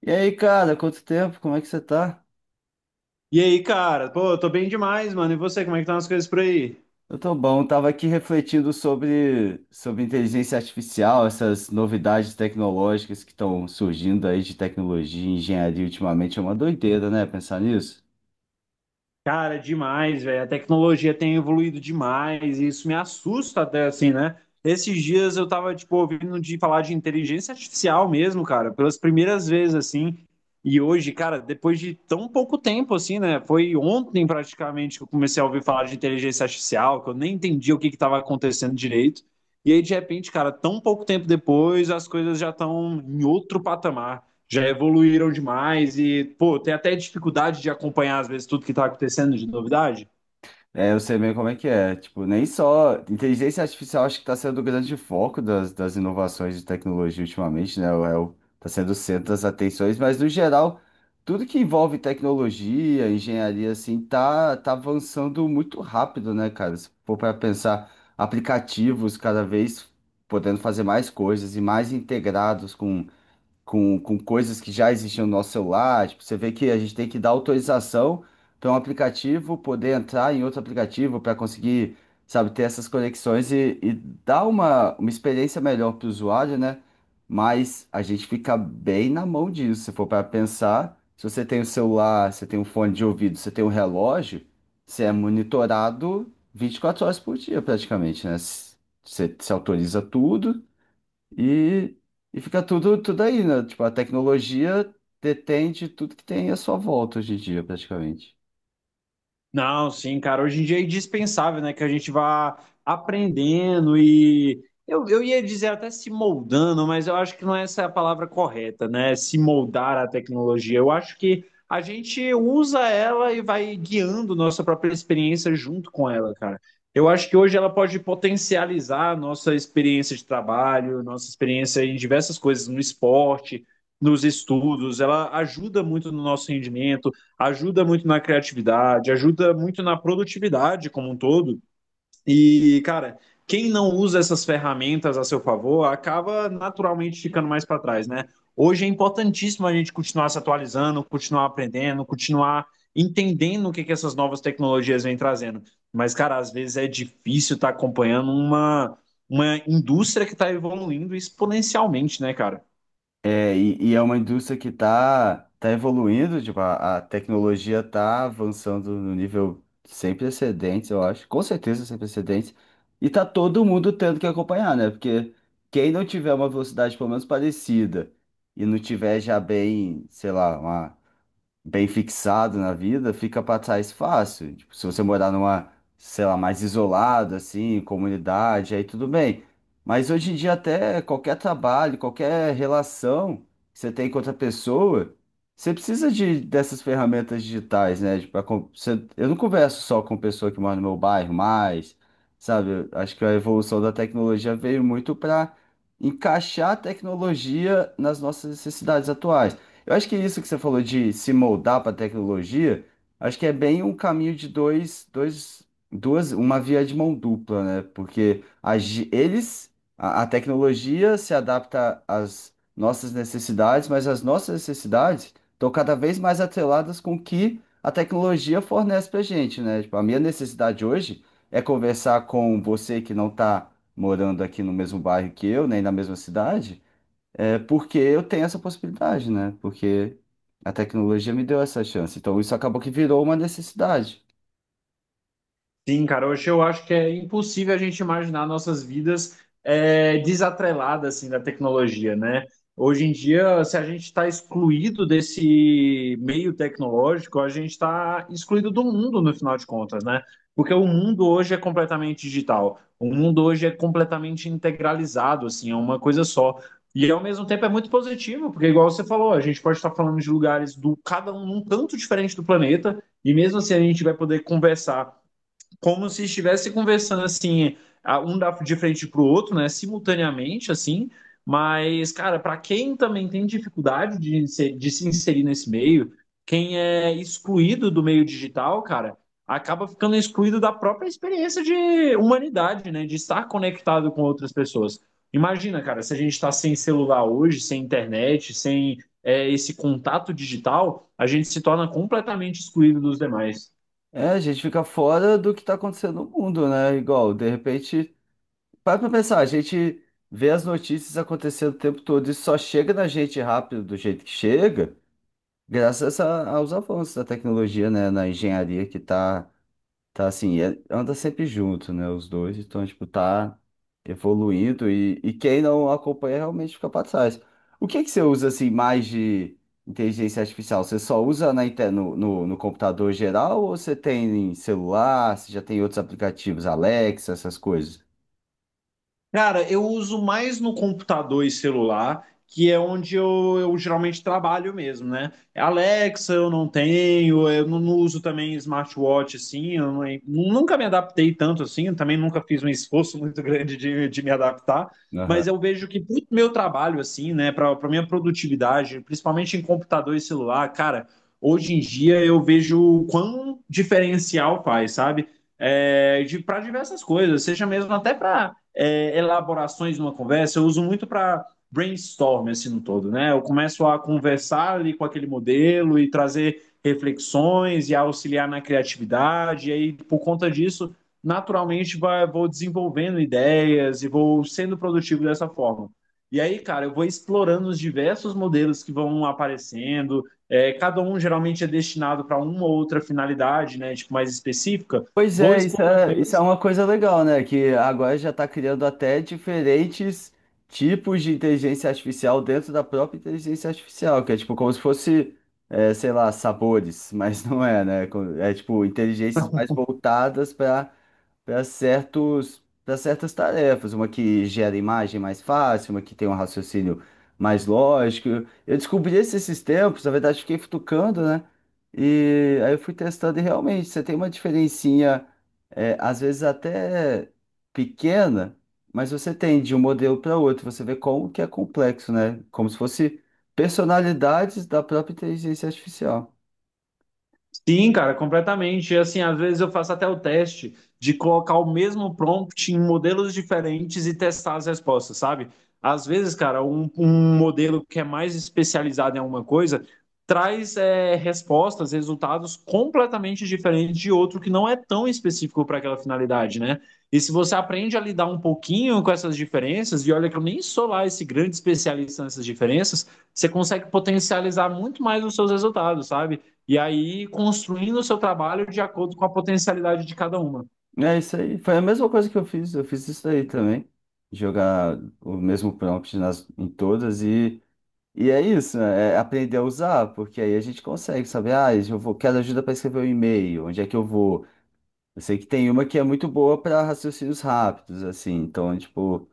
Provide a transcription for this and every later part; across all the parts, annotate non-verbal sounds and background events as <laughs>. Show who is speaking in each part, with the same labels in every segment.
Speaker 1: E aí, cara, quanto tempo? Como é que você tá?
Speaker 2: E aí, cara? Pô, eu tô bem demais, mano. E você, como é que estão as coisas por aí?
Speaker 1: Eu tô bom, tava aqui refletindo sobre inteligência artificial, essas novidades tecnológicas que estão surgindo aí de tecnologia e engenharia ultimamente. É uma doideira, né? Pensar nisso.
Speaker 2: Cara, demais, velho. A tecnologia tem evoluído demais e isso me assusta até assim, né? Esses dias eu tava, tipo, ouvindo de falar de inteligência artificial mesmo, cara, pelas primeiras vezes, assim. E hoje, cara, depois de tão pouco tempo, assim, né? Foi ontem praticamente que eu comecei a ouvir falar de inteligência artificial, que eu nem entendia o que que tava acontecendo direito. E aí, de repente, cara, tão pouco tempo depois, as coisas já estão em outro patamar, já evoluíram demais e, pô, tem até dificuldade de acompanhar, às vezes, tudo que está acontecendo de novidade.
Speaker 1: É, eu sei bem como é que é. Tipo, nem só. Inteligência artificial acho que está sendo o grande foco das inovações de tecnologia ultimamente, né? Tá sendo o centro das atenções, mas no geral, tudo que envolve tecnologia, engenharia, assim, tá avançando muito rápido, né, cara? Se for para pensar, aplicativos cada vez podendo fazer mais coisas e mais integrados com coisas que já existiam no nosso celular. Tipo, você vê que a gente tem que dar autorização para um aplicativo poder entrar em outro aplicativo para conseguir, sabe, ter essas conexões e dar uma experiência melhor para o usuário, né? Mas a gente fica bem na mão disso. Se for para pensar, se você tem o celular, você tem um fone de ouvido, você tem um relógio, você é monitorado 24 horas por dia praticamente, né? Você se autoriza tudo. E, e fica tudo aí, né? Tipo, a tecnologia detende tudo que tem à sua volta hoje em dia, praticamente.
Speaker 2: Não, sim, cara. Hoje em dia é indispensável, né, que a gente vá aprendendo e eu ia dizer até se moldando, mas eu acho que não é essa a palavra correta, né? Se moldar à tecnologia. Eu acho que a gente usa ela e vai guiando nossa própria experiência junto com ela, cara. Eu acho que hoje ela pode potencializar a nossa experiência de trabalho, nossa experiência em diversas coisas, no esporte, nos estudos. Ela ajuda muito no nosso rendimento, ajuda muito na criatividade, ajuda muito na produtividade como um todo. E, cara, quem não usa essas ferramentas a seu favor acaba naturalmente ficando mais para trás, né? Hoje é importantíssimo a gente continuar se atualizando, continuar aprendendo, continuar entendendo o que, que essas novas tecnologias vêm trazendo. Mas, cara, às vezes é difícil estar acompanhando uma indústria que está evoluindo exponencialmente, né, cara?
Speaker 1: E é uma indústria que tá evoluindo, tipo, a tecnologia tá avançando no nível sem precedentes, eu acho, com certeza sem precedentes, e tá todo mundo tendo que acompanhar, né? Porque quem não tiver uma velocidade pelo menos parecida e não tiver já bem, sei lá, uma bem fixado na vida, fica pra trás fácil. Tipo, se você morar numa, sei lá, mais isolado, assim, comunidade, aí tudo bem. Mas hoje em dia, até qualquer trabalho, qualquer relação que você tem com outra pessoa, você precisa dessas ferramentas digitais, né? Tipo, eu não converso só com pessoa que mora no meu bairro mais, sabe? Eu acho que a evolução da tecnologia veio muito para encaixar a tecnologia nas nossas necessidades atuais. Eu acho que isso que você falou de se moldar para a tecnologia, acho que é bem um caminho de uma via de mão dupla, né? Porque a ge- eles, a tecnologia se adapta às nossas necessidades, mas as nossas necessidades estão cada vez mais atreladas com o que a tecnologia fornece para gente, né? Tipo, a minha necessidade hoje é conversar com você que não está morando aqui no mesmo bairro que eu, nem na mesma cidade é porque eu tenho essa possibilidade, né? Porque a tecnologia me deu essa chance. Então isso acabou que virou uma necessidade.
Speaker 2: Sim, cara, hoje eu acho que é impossível a gente imaginar nossas vidas desatreladas assim, da tecnologia, né? Hoje em dia, se a gente está excluído desse meio tecnológico, a gente está excluído do mundo, no final de contas, né? Porque o mundo hoje é completamente digital, o mundo hoje é completamente integralizado, assim, é uma coisa só. E ao mesmo tempo é muito positivo, porque igual você falou, a gente pode estar falando de lugares do cada um num canto diferente do planeta, e mesmo assim a gente vai poder conversar como se estivesse conversando assim, um dá de frente pro outro, né, simultaneamente, assim. Mas, cara, para quem também tem dificuldade de se inserir nesse meio, quem é excluído do meio digital, cara, acaba ficando excluído da própria experiência de humanidade, né, de estar conectado com outras pessoas. Imagina, cara, se a gente está sem celular hoje, sem internet, sem esse contato digital, a gente se torna completamente excluído dos demais.
Speaker 1: É, a gente fica fora do que está acontecendo no mundo, né? Igual, de repente, para pra pensar, a gente vê as notícias acontecendo o tempo todo e só chega na gente rápido do jeito que chega, graças aos avanços da tecnologia, né? Na engenharia que está tá assim, anda sempre junto, né? Os dois, então, tipo, tá evoluindo e quem não acompanha realmente fica pra trás. O que é que você usa, assim, mais de inteligência artificial? Você só usa na, no computador geral ou você tem em celular? Você já tem outros aplicativos, Alexa, essas coisas?
Speaker 2: Cara, eu uso mais no computador e celular, que é onde eu geralmente trabalho mesmo, né? É, Alexa eu não tenho, eu não uso também smartwatch assim, eu nunca me adaptei tanto assim, eu também nunca fiz um esforço <laughs> muito grande de me adaptar, mas eu vejo que pro meu trabalho assim, né, para minha produtividade, principalmente em computador e celular, cara, hoje em dia eu vejo o quão diferencial faz, sabe? É, de, para diversas coisas, seja mesmo até para elaborações numa conversa, eu uso muito para brainstorm assim no todo, né? Eu começo a conversar ali com aquele modelo e trazer reflexões e auxiliar na criatividade, e aí por conta disso, naturalmente vou desenvolvendo ideias e vou sendo produtivo dessa forma. E aí, cara, eu vou explorando os diversos modelos que vão aparecendo. É, cada um geralmente é destinado para uma ou outra finalidade, né, tipo mais específica.
Speaker 1: Pois
Speaker 2: Vou
Speaker 1: é,
Speaker 2: explorando
Speaker 1: isso é
Speaker 2: eles.
Speaker 1: uma coisa legal, né? Que agora já está criando até diferentes tipos de inteligência artificial dentro da própria inteligência artificial, que é tipo como se fosse, é, sei lá, sabores, <laughs> mas não é, né? É tipo inteligências mais voltadas para para certas tarefas, uma que gera imagem mais fácil, uma que tem um raciocínio mais lógico. Eu descobri esses tempos, na verdade, fiquei futucando, né? E aí eu fui testando e realmente você tem uma diferencinha, é, às vezes até pequena, mas você tem de um modelo para outro, você vê como que é complexo, né? Como se fosse personalidades da própria inteligência artificial.
Speaker 2: Sim, cara, completamente. E, assim, às vezes eu faço até o teste de colocar o mesmo prompt em modelos diferentes e testar as respostas, sabe? Às vezes, cara, um, modelo que é mais especializado em alguma coisa traz respostas, resultados completamente diferentes de outro que não é tão específico para aquela finalidade, né? E se você aprende a lidar um pouquinho com essas diferenças, e olha que eu nem sou lá esse grande especialista nessas diferenças, você consegue potencializar muito mais os seus resultados, sabe? E aí construindo o seu trabalho de acordo com a potencialidade de cada uma.
Speaker 1: É isso aí. Foi a mesma coisa que eu fiz. Eu fiz isso daí também. Jogar o mesmo prompt nas, em todas e é isso, né? É aprender a usar, porque aí a gente consegue saber, ah, eu vou, quero ajuda para escrever o um e-mail, onde é que eu vou? Eu sei que tem uma que é muito boa para raciocínios rápidos, assim, então, tipo.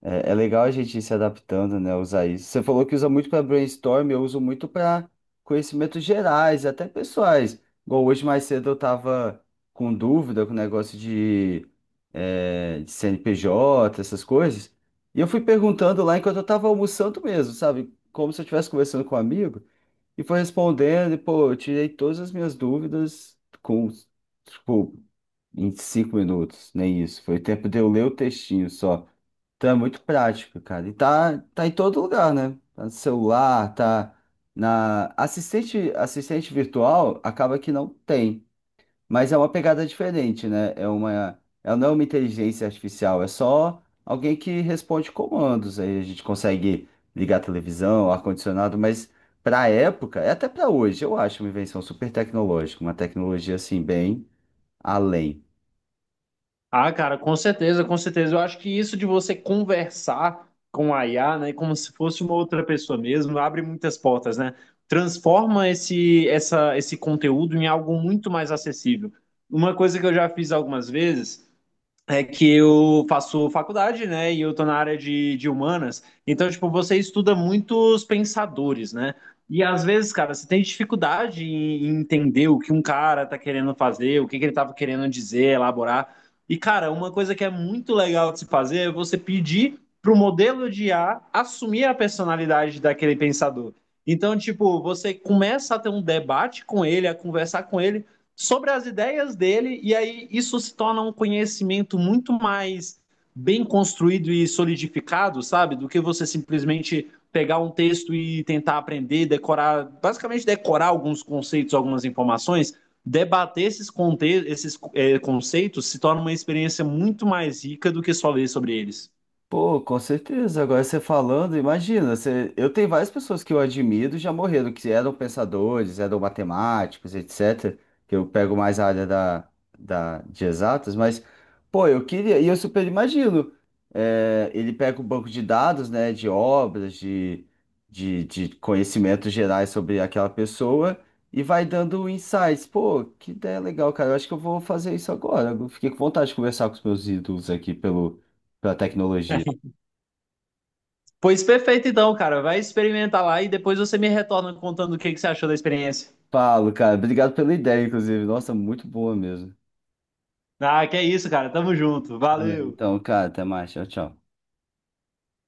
Speaker 1: É legal a gente ir se adaptando, né? Usar isso. Você falou que usa muito para brainstorm, eu uso muito para conhecimentos gerais, até pessoais. Igual hoje mais cedo eu estava com dúvida com o negócio de, é, de CNPJ, essas coisas. E eu fui perguntando lá enquanto eu estava almoçando mesmo, sabe? Como se eu estivesse conversando com um amigo. E foi respondendo, e pô, eu tirei todas as minhas dúvidas com, tipo, 25 minutos, nem isso. Foi o tempo de eu ler o textinho só. Então é muito prático, cara. E tá em todo lugar, né? Tá no celular, tá na. Assistente virtual acaba que não tem. Mas é uma pegada diferente, né? É uma. É, não é uma inteligência artificial, é só alguém que responde comandos. Aí a gente consegue ligar a televisão, ar-condicionado, mas pra época, e até pra hoje, eu acho uma invenção super tecnológica, uma tecnologia assim, bem além.
Speaker 2: Ah, cara, com certeza, com certeza. Eu acho que isso de você conversar com a IA, né, como se fosse uma outra pessoa mesmo, abre muitas portas, né? Transforma esse, essa, esse conteúdo em algo muito mais acessível. Uma coisa que eu já fiz algumas vezes é que eu faço faculdade, né? E eu tô na área de humanas. Então, tipo, você estuda muitos pensadores, né? E às vezes, cara, você tem dificuldade em entender o que um cara tá querendo fazer, o que que ele tava querendo dizer, elaborar. E, cara, uma coisa que é muito legal de se fazer é você pedir pro modelo de IA assumir a personalidade daquele pensador. Então, tipo, você começa a ter um debate com ele, a conversar com ele sobre as ideias dele, e aí isso se torna um conhecimento muito mais bem construído e solidificado, sabe? Do que você simplesmente pegar um texto e tentar aprender, decorar, basicamente decorar alguns conceitos, algumas informações, debater esses conceitos se torna uma experiência muito mais rica do que só ler sobre eles.
Speaker 1: Pô, com certeza. Agora você falando, imagina, você... eu tenho várias pessoas que eu admiro e já morreram, que eram pensadores, eram matemáticos, etc. Que eu pego mais a área da... de exatas, mas, pô, eu queria, e eu super imagino. É, ele pega o banco de dados, né, de obras, de conhecimentos gerais sobre aquela pessoa e vai dando insights. Pô, que ideia legal, cara. Eu acho que eu vou fazer isso agora. Eu fiquei com vontade de conversar com os meus ídolos aqui pelo... pela tecnologia.
Speaker 2: Pois perfeito, então, cara. Vai experimentar lá e depois você me retorna contando o que, que você achou da experiência.
Speaker 1: Falo, cara. Obrigado pela ideia, inclusive. Nossa, muito boa mesmo.
Speaker 2: Ah, que é isso, cara. Tamo junto.
Speaker 1: Tá bem.
Speaker 2: Valeu.
Speaker 1: Então, cara, até mais. Tchau, tchau.